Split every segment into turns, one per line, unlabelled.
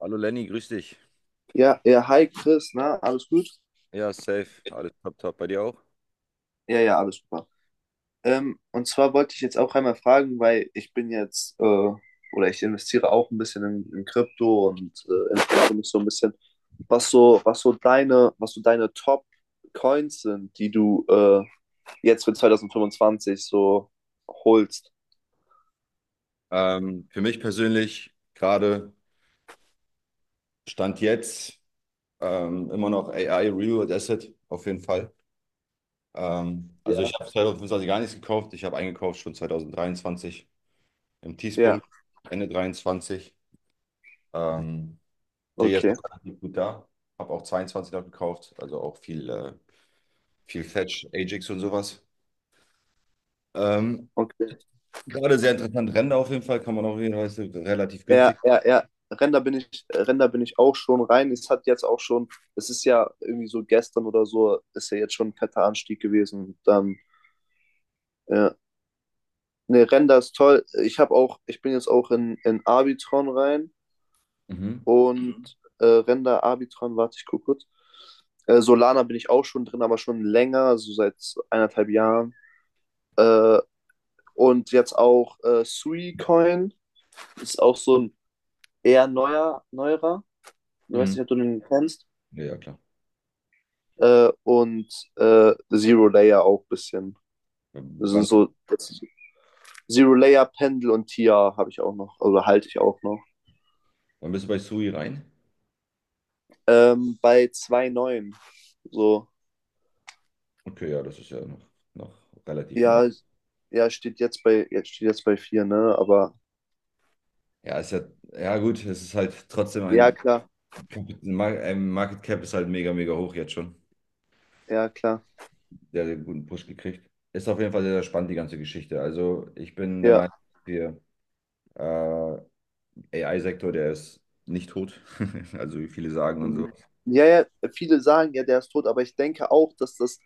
Hallo Lenny, grüß dich.
Ja, ja, hi Chris, na, alles gut?
Ja, safe. Alles top, top. Bei dir auch?
Ja, ja, alles super. Und zwar wollte ich jetzt auch einmal fragen, weil ich bin jetzt, oder ich investiere auch ein bisschen in Krypto und interessiere mich so ein bisschen, was so deine Top-Coins sind, die du jetzt für 2025 so holst.
Für mich persönlich gerade Stand jetzt immer noch AI Real Asset auf jeden Fall. Also ich
Ja.
habe 2025 gar nichts gekauft. Ich habe eingekauft schon 2023 im
Ja,
Tiefpunkt, Ende 23. Ähm, Stehe jetzt
okay,
noch relativ gut da. Habe auch 22 noch gekauft, also auch viel, viel Fetch, Ajax und sowas. Ähm,
okay.
Gerade sehr interessant. Ränder auf jeden Fall kann man auch jeden Fall relativ
Ja,
günstig.
ja, ja. Render bin ich auch schon rein. Es hat jetzt auch schon, es ist ja irgendwie so gestern oder so, ist ja jetzt schon ein fetter Anstieg gewesen. Dann, ja. Ne, Render ist toll. Ich habe auch, ich bin jetzt auch in Arbitron rein
Mhm.
und Render, Arbitron, warte, ich guck kurz. Solana bin ich auch schon drin, aber schon länger, so seit eineinhalb Jahren. Äh, und jetzt auch Suicoin ist auch so ein eher neuerer. Du weißt
Mhm.
nicht, ob du den kennst.
Ja, ja, klar.
äh, und Zero Layer auch ein bisschen. Das sind
Wann,
so das Zero Layer, Pendel und Tia habe ich auch noch, oder halte ich auch noch.
wann bist du bei Sui rein?
Bei 2,9. So,
Okay, ja, das ist ja noch relativ in Ordnung.
ja, ja, jetzt steht jetzt bei 4, ne? Aber
Ja, ist ja, ja gut, es ist halt trotzdem
ja,
ein,
klar,
Ein Market Cap ist halt mega, mega hoch jetzt schon.
ja, klar.
Der hat einen guten Push gekriegt. Ist auf jeden Fall sehr, sehr spannend, die ganze Geschichte. Also ich bin der
Ja.
Meinung, hier, äh, AI-Sektor, der ist nicht tot. Also wie viele sagen und so.
Mhm. Ja, ja, viele sagen ja, der ist tot, aber ich denke auch, dass das,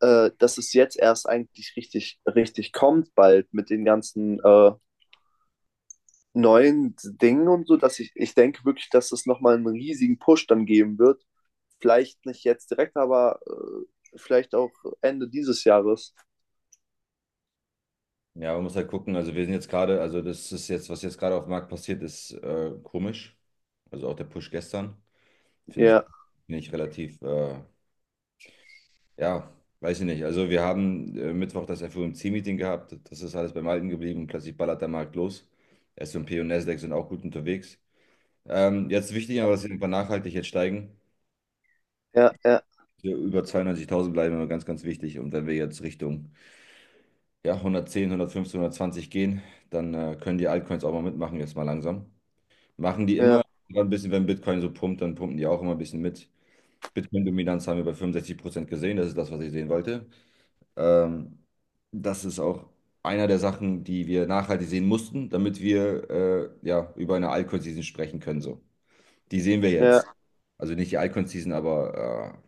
äh, dass es jetzt erst eigentlich richtig, richtig kommt, bald mit den ganzen neuen Dingen und so, dass ich denke wirklich, dass es nochmal einen riesigen Push dann geben wird. Vielleicht nicht jetzt direkt, aber vielleicht auch Ende dieses Jahres.
Ja, man muss halt gucken. Also wir sind jetzt gerade, also das ist jetzt, was jetzt gerade auf dem Markt passiert, ist komisch. Also auch der Push gestern. Finde ich,
Ja,
finde ich relativ, ja, weiß ich nicht. Also wir haben Mittwoch das FOMC-Meeting gehabt. Das ist alles beim Alten geblieben. Klassisch ballert der Markt los. S&P und P und Nasdaq sind auch gut unterwegs. Jetzt wichtig, aber dass sie einfach nachhaltig jetzt steigen.
ja, ja,
Wir über 92.000 bleiben immer ganz, ganz wichtig. Und wenn wir jetzt Richtung ja, 110 115, 120 gehen, dann können die Altcoins auch mal mitmachen, jetzt mal langsam. Machen die
ja,
immer ein bisschen, wenn Bitcoin so pumpt, dann pumpen die auch immer ein bisschen mit. Bitcoin-Dominanz haben wir bei 65% gesehen. Das ist das, was ich sehen wollte. Ähm, Das ist auch einer der Sachen, die wir nachhaltig sehen mussten, damit wir ja, über eine Alcon-Season sprechen können. So. Die sehen wir
ja,
jetzt. Also nicht die Alcon-Season, aber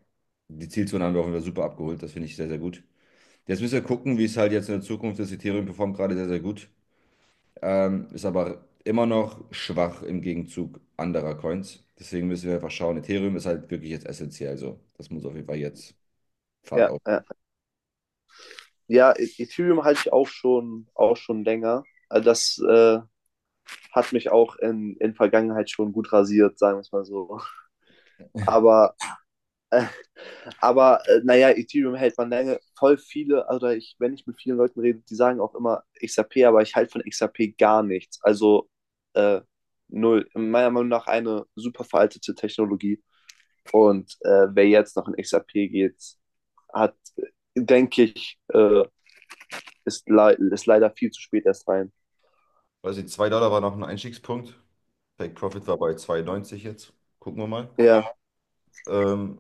die Zielzone haben wir auch wieder super abgeholt. Das finde ich sehr, sehr gut. Jetzt müssen wir gucken, wie es halt jetzt in der Zukunft ist. Ethereum performt gerade sehr, sehr gut. Ist aber immer noch schwach im Gegenzug anderer Coins. Deswegen müssen wir einfach schauen. Ethereum ist halt wirklich jetzt essentiell. So. Das muss auf jeden Fall jetzt Fahrt
ja,
auf.
ja. Ja, Ethereum halte ich auch schon länger. Also, das hat mich auch in Vergangenheit schon gut rasiert, sagen wir es mal so. Aber Aber naja, Ethereum hält man lange. Voll viele, also ich, wenn ich mit vielen Leuten rede, die sagen auch immer XRP, aber ich halte von XRP gar nichts. Also äh, null. In meiner Meinung nach eine super veraltete Technologie. Und wer jetzt noch in XRP geht, hat, denke ich, ist leider viel zu spät erst rein.
Weiß nicht, 2 Dollar war noch ein Einstiegspunkt. Take Profit war bei 2,90 jetzt. Gucken wir mal.
Ja,
Ähm,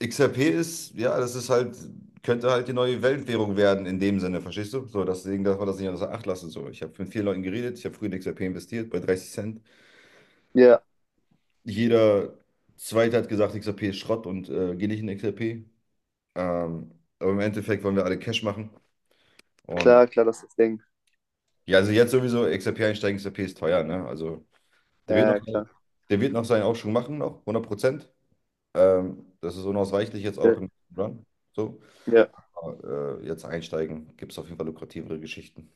XRP ist, ja, das ist halt, könnte halt die neue Weltwährung werden in dem Sinne, verstehst du? So, deswegen darf man das nicht außer Acht lassen. So, ich habe mit vielen Leuten geredet, ich habe früher in XRP investiert, bei 30 Cent.
ja,
Jeder Zweite hat gesagt, XRP ist Schrott und geh nicht in XRP. Ähm, aber im Endeffekt wollen wir alle Cash machen. Und
klar, klar, das ist das Ding.
ja, also jetzt sowieso XRP einsteigen, XRP ist teuer, ne? Also, der wird noch,
Ja, klar.
der wird noch seinen Aufschwung machen, noch 100%. Das ist unausweichlich jetzt auch
Ja,
im Run. So.
ja.
Aber, jetzt einsteigen, gibt es auf jeden Fall lukrativere Geschichten.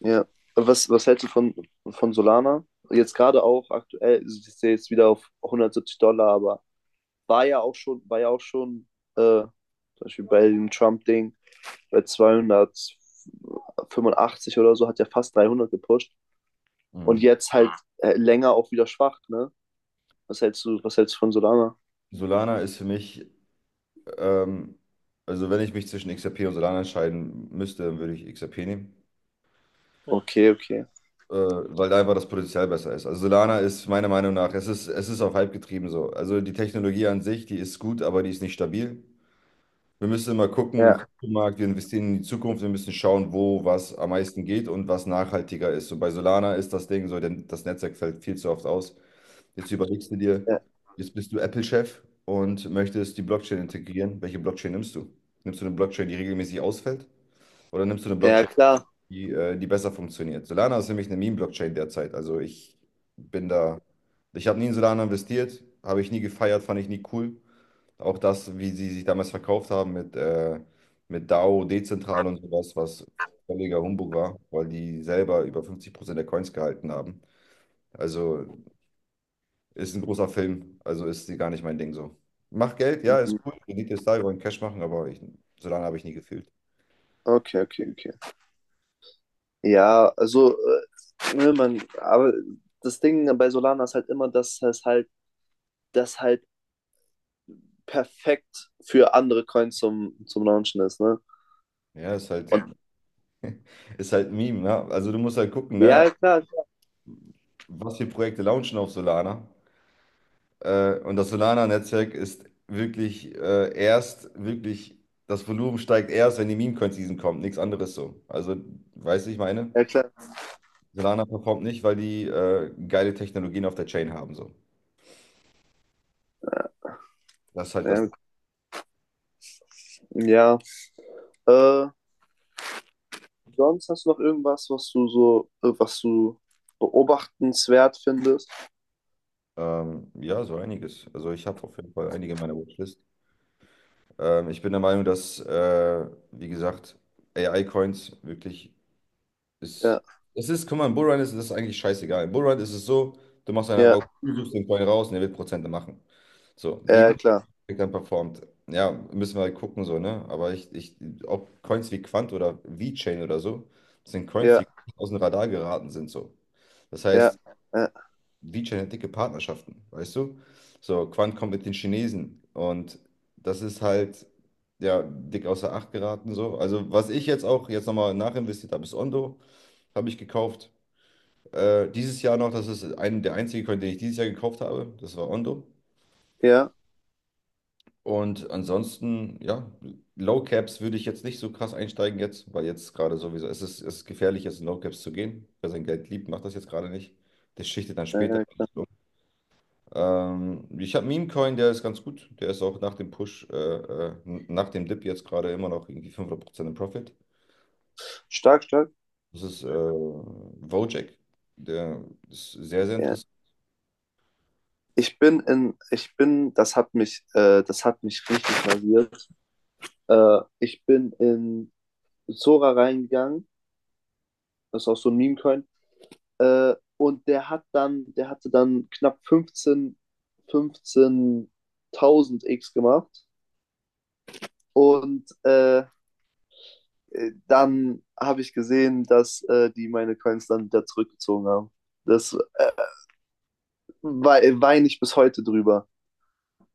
Ja. Was hältst du von Solana? Jetzt gerade auch aktuell, also ich sehe jetzt wieder auf 170 Dollar, aber war ja auch schon, war ja auch schon, zum Beispiel bei dem Trump-Ding, bei 285 oder so, hat ja fast 300 gepusht. Und
Mhm.
jetzt halt länger auch wieder schwach, ne? Was hältst du von Solana?
Solana ist für mich, ähm, also wenn ich mich zwischen XRP und Solana entscheiden müsste, dann würde ich XRP nehmen.
Okay, okay.
Weil da einfach das Potenzial besser ist. Also Solana ist meiner Meinung nach, es ist auf Hype getrieben so. Also die Technologie an sich, die ist gut, aber die ist nicht stabil. Wir müssen immer gucken im
Ja,
Kryptomarkt, wir investieren in die Zukunft, wir müssen schauen, wo was am meisten geht und was nachhaltiger ist. Und bei Solana ist das Ding so, denn das Netzwerk fällt viel zu oft aus. Jetzt überlegst du dir,
ja,
jetzt bist du Apple-Chef und möchtest die Blockchain integrieren. Welche Blockchain nimmst du? Nimmst du eine Blockchain, die regelmäßig ausfällt? Oder nimmst du eine
ja,
Blockchain,
klar.
die besser funktioniert? Solana ist nämlich eine Meme-Blockchain derzeit. Also ich bin da, ich habe nie in Solana investiert, habe ich nie gefeiert, fand ich nie cool. Auch das, wie sie sich damals verkauft haben mit DAO, dezentral und sowas, was völliger Humbug war, weil die selber über 50% der Coins gehalten haben. Also ist ein großer Film, also ist sie gar nicht mein Ding so. Mach Geld, ja, ist
Mhm.
cool, Rendite ist da, wir wollen Cash machen, aber ich, so lange habe ich nie gefühlt.
Okay, okay, okay. Ja, also, ne, man, aber das Ding bei Solana ist halt immer, dass es halt das halt perfekt für andere Coins zum Launchen ist, ne?
Ja, ist halt,
Und
ein Meme, ne? Also du musst halt gucken, ne?
ja, klar,
Was für Projekte launchen auf Solana. Und das Solana-Netzwerk ist wirklich erst, wirklich, das Volumen steigt erst, wenn die Meme-Coin-Season kommt. Nichts anderes so. Also, weißt du, ich meine,
ja, klar.
Solana performt nicht, weil die geile Technologien auf der Chain haben. So. Das ist halt das.
Ja.
Ding.
Ja. Äh, Sonst hast du noch irgendwas, was du beobachtenswert findest?
Ja, so einiges. Also, ich habe auf jeden Fall einige in meiner Watchlist. Ich bin der Meinung, dass, wie gesagt, AI-Coins wirklich Es,
Ja,
es ist, guck mal, im Bullrun ist es eigentlich scheißegal. Im Bullrun ist es so, du machst eine Augen,
ja,
du suchst den Coin raus und er wird Prozente machen. So, wie
ja,
gut
klar.
er dann performt. Ja, müssen wir halt gucken, so, ne? Aber ich, ob Coins wie Quant oder VeChain oder so, das sind Coins,
Ja,
die aus dem Radar geraten sind, so. Das
ja,
heißt,
ja,
VeChain hat dicke Partnerschaften, weißt du? So, Quant kommt mit den Chinesen und das ist halt, ja, dick außer Acht geraten, so. Also, was ich jetzt auch jetzt nochmal nachinvestiert habe, ist Ondo. Habe ich gekauft. Dieses Jahr noch, das ist ein, der einzige Coin, den ich dieses Jahr gekauft habe. Das war Ondo.
ja.
Und ansonsten, ja, Low Caps würde ich jetzt nicht so krass einsteigen jetzt, weil jetzt gerade sowieso, es ist gefährlich, jetzt in Low Caps zu gehen. Wer sein Geld liebt, macht das jetzt gerade nicht. Das schichtet dann später.
Äh,
Ich habe Meme Coin, der ist ganz gut. Der ist auch nach dem Push, nach dem Dip jetzt gerade immer noch irgendwie 500% im Profit.
Stark, stark.
Das ist Wojak. Der ist sehr, sehr
Ja.
interessant.
Ich bin in, ich bin, das hat mich richtig rasiert. Ich bin in Sora reingegangen. Das ist auch so ein Meme-Coin. Und der hatte dann knapp 15 15.000 X gemacht. Und dann habe ich gesehen, dass die meine Coins dann wieder zurückgezogen haben. Das weine ich bis heute drüber.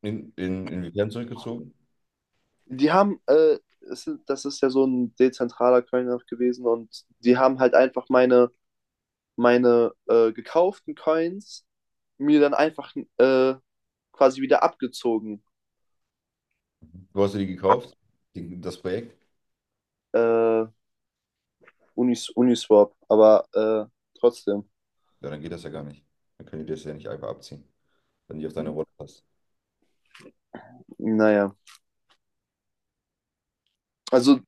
Inwiefern zurückgezogen?
Die haben, es, sind- das ist ja so ein dezentraler Coin auch gewesen und die haben halt einfach meine gekauften Coins mir dann einfach quasi wieder abgezogen.
Du hast dir die gekauft, die, das Projekt?
Äh, Uniswap, aber trotzdem,
Ja, dann geht das ja gar nicht. Dann können die das ja nicht einfach abziehen, wenn die auf deine Rolle passt.
naja. Also,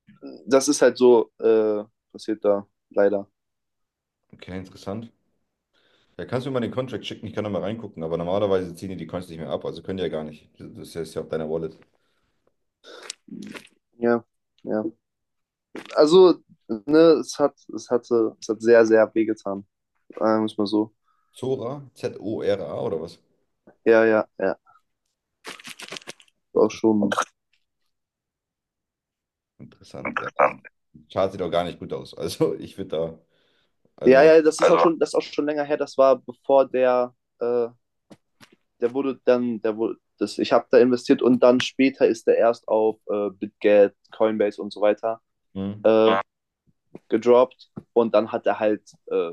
das ist halt so, passiert da leider.
Okay, interessant. Ja, kannst du mir mal den Contract schicken? Ich kann da mal reingucken, aber normalerweise ziehen die die Coins nicht mehr ab, also können die ja gar nicht. Das ist ja auf deiner Wallet.
Ja, ja. Also, ne, es hat sehr, sehr wehgetan, sagen wir es mal so.
Zora? Zora oder was?
Ja, ja, ja, auch
Interes-
schon.
Interessant. Ja, das Chart sieht auch gar nicht gut aus. Also, ich würde da.
Ja,
Also,
ja, das ist auch schon länger her, das war bevor der, äh, der wurde dann, der wurde, das, ich habe da investiert und dann später ist der erst auf BitGet, Coinbase und so weiter
hm.
gedroppt, und dann hat er halt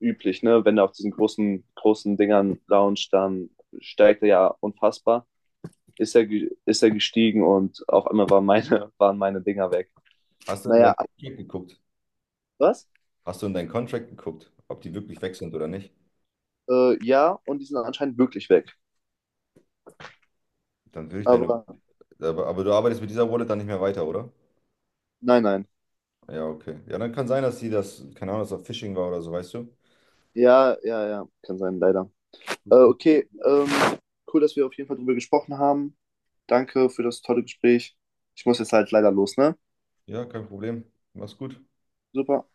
üblich, ne, wenn er auf diesen großen, großen Dingern launcht, dann steigt er ja unfassbar. Ist er, ist er gestiegen und auf einmal waren meine, waren meine Dinger weg.
Hast du in
Naja,
dein Contract geguckt?
was?
Hast du in deinen Contract geguckt, ob die wirklich weg sind oder nicht?
Ja, und die sind anscheinend wirklich weg.
Dann würde ich deine
Aber
Aber, du arbeitest mit dieser Wallet dann nicht mehr weiter, oder?
nein, nein.
Ja, okay. Ja, dann kann sein, dass sie das, keine Ahnung, dass das Phishing war oder so, weißt du?
Ja, ja, ja, kann sein, leider. Okay, cool, dass wir auf jeden Fall drüber gesprochen haben. Danke für das tolle Gespräch. Ich muss jetzt halt leider los, ne?
Ja, kein Problem. Mach's gut.
Super.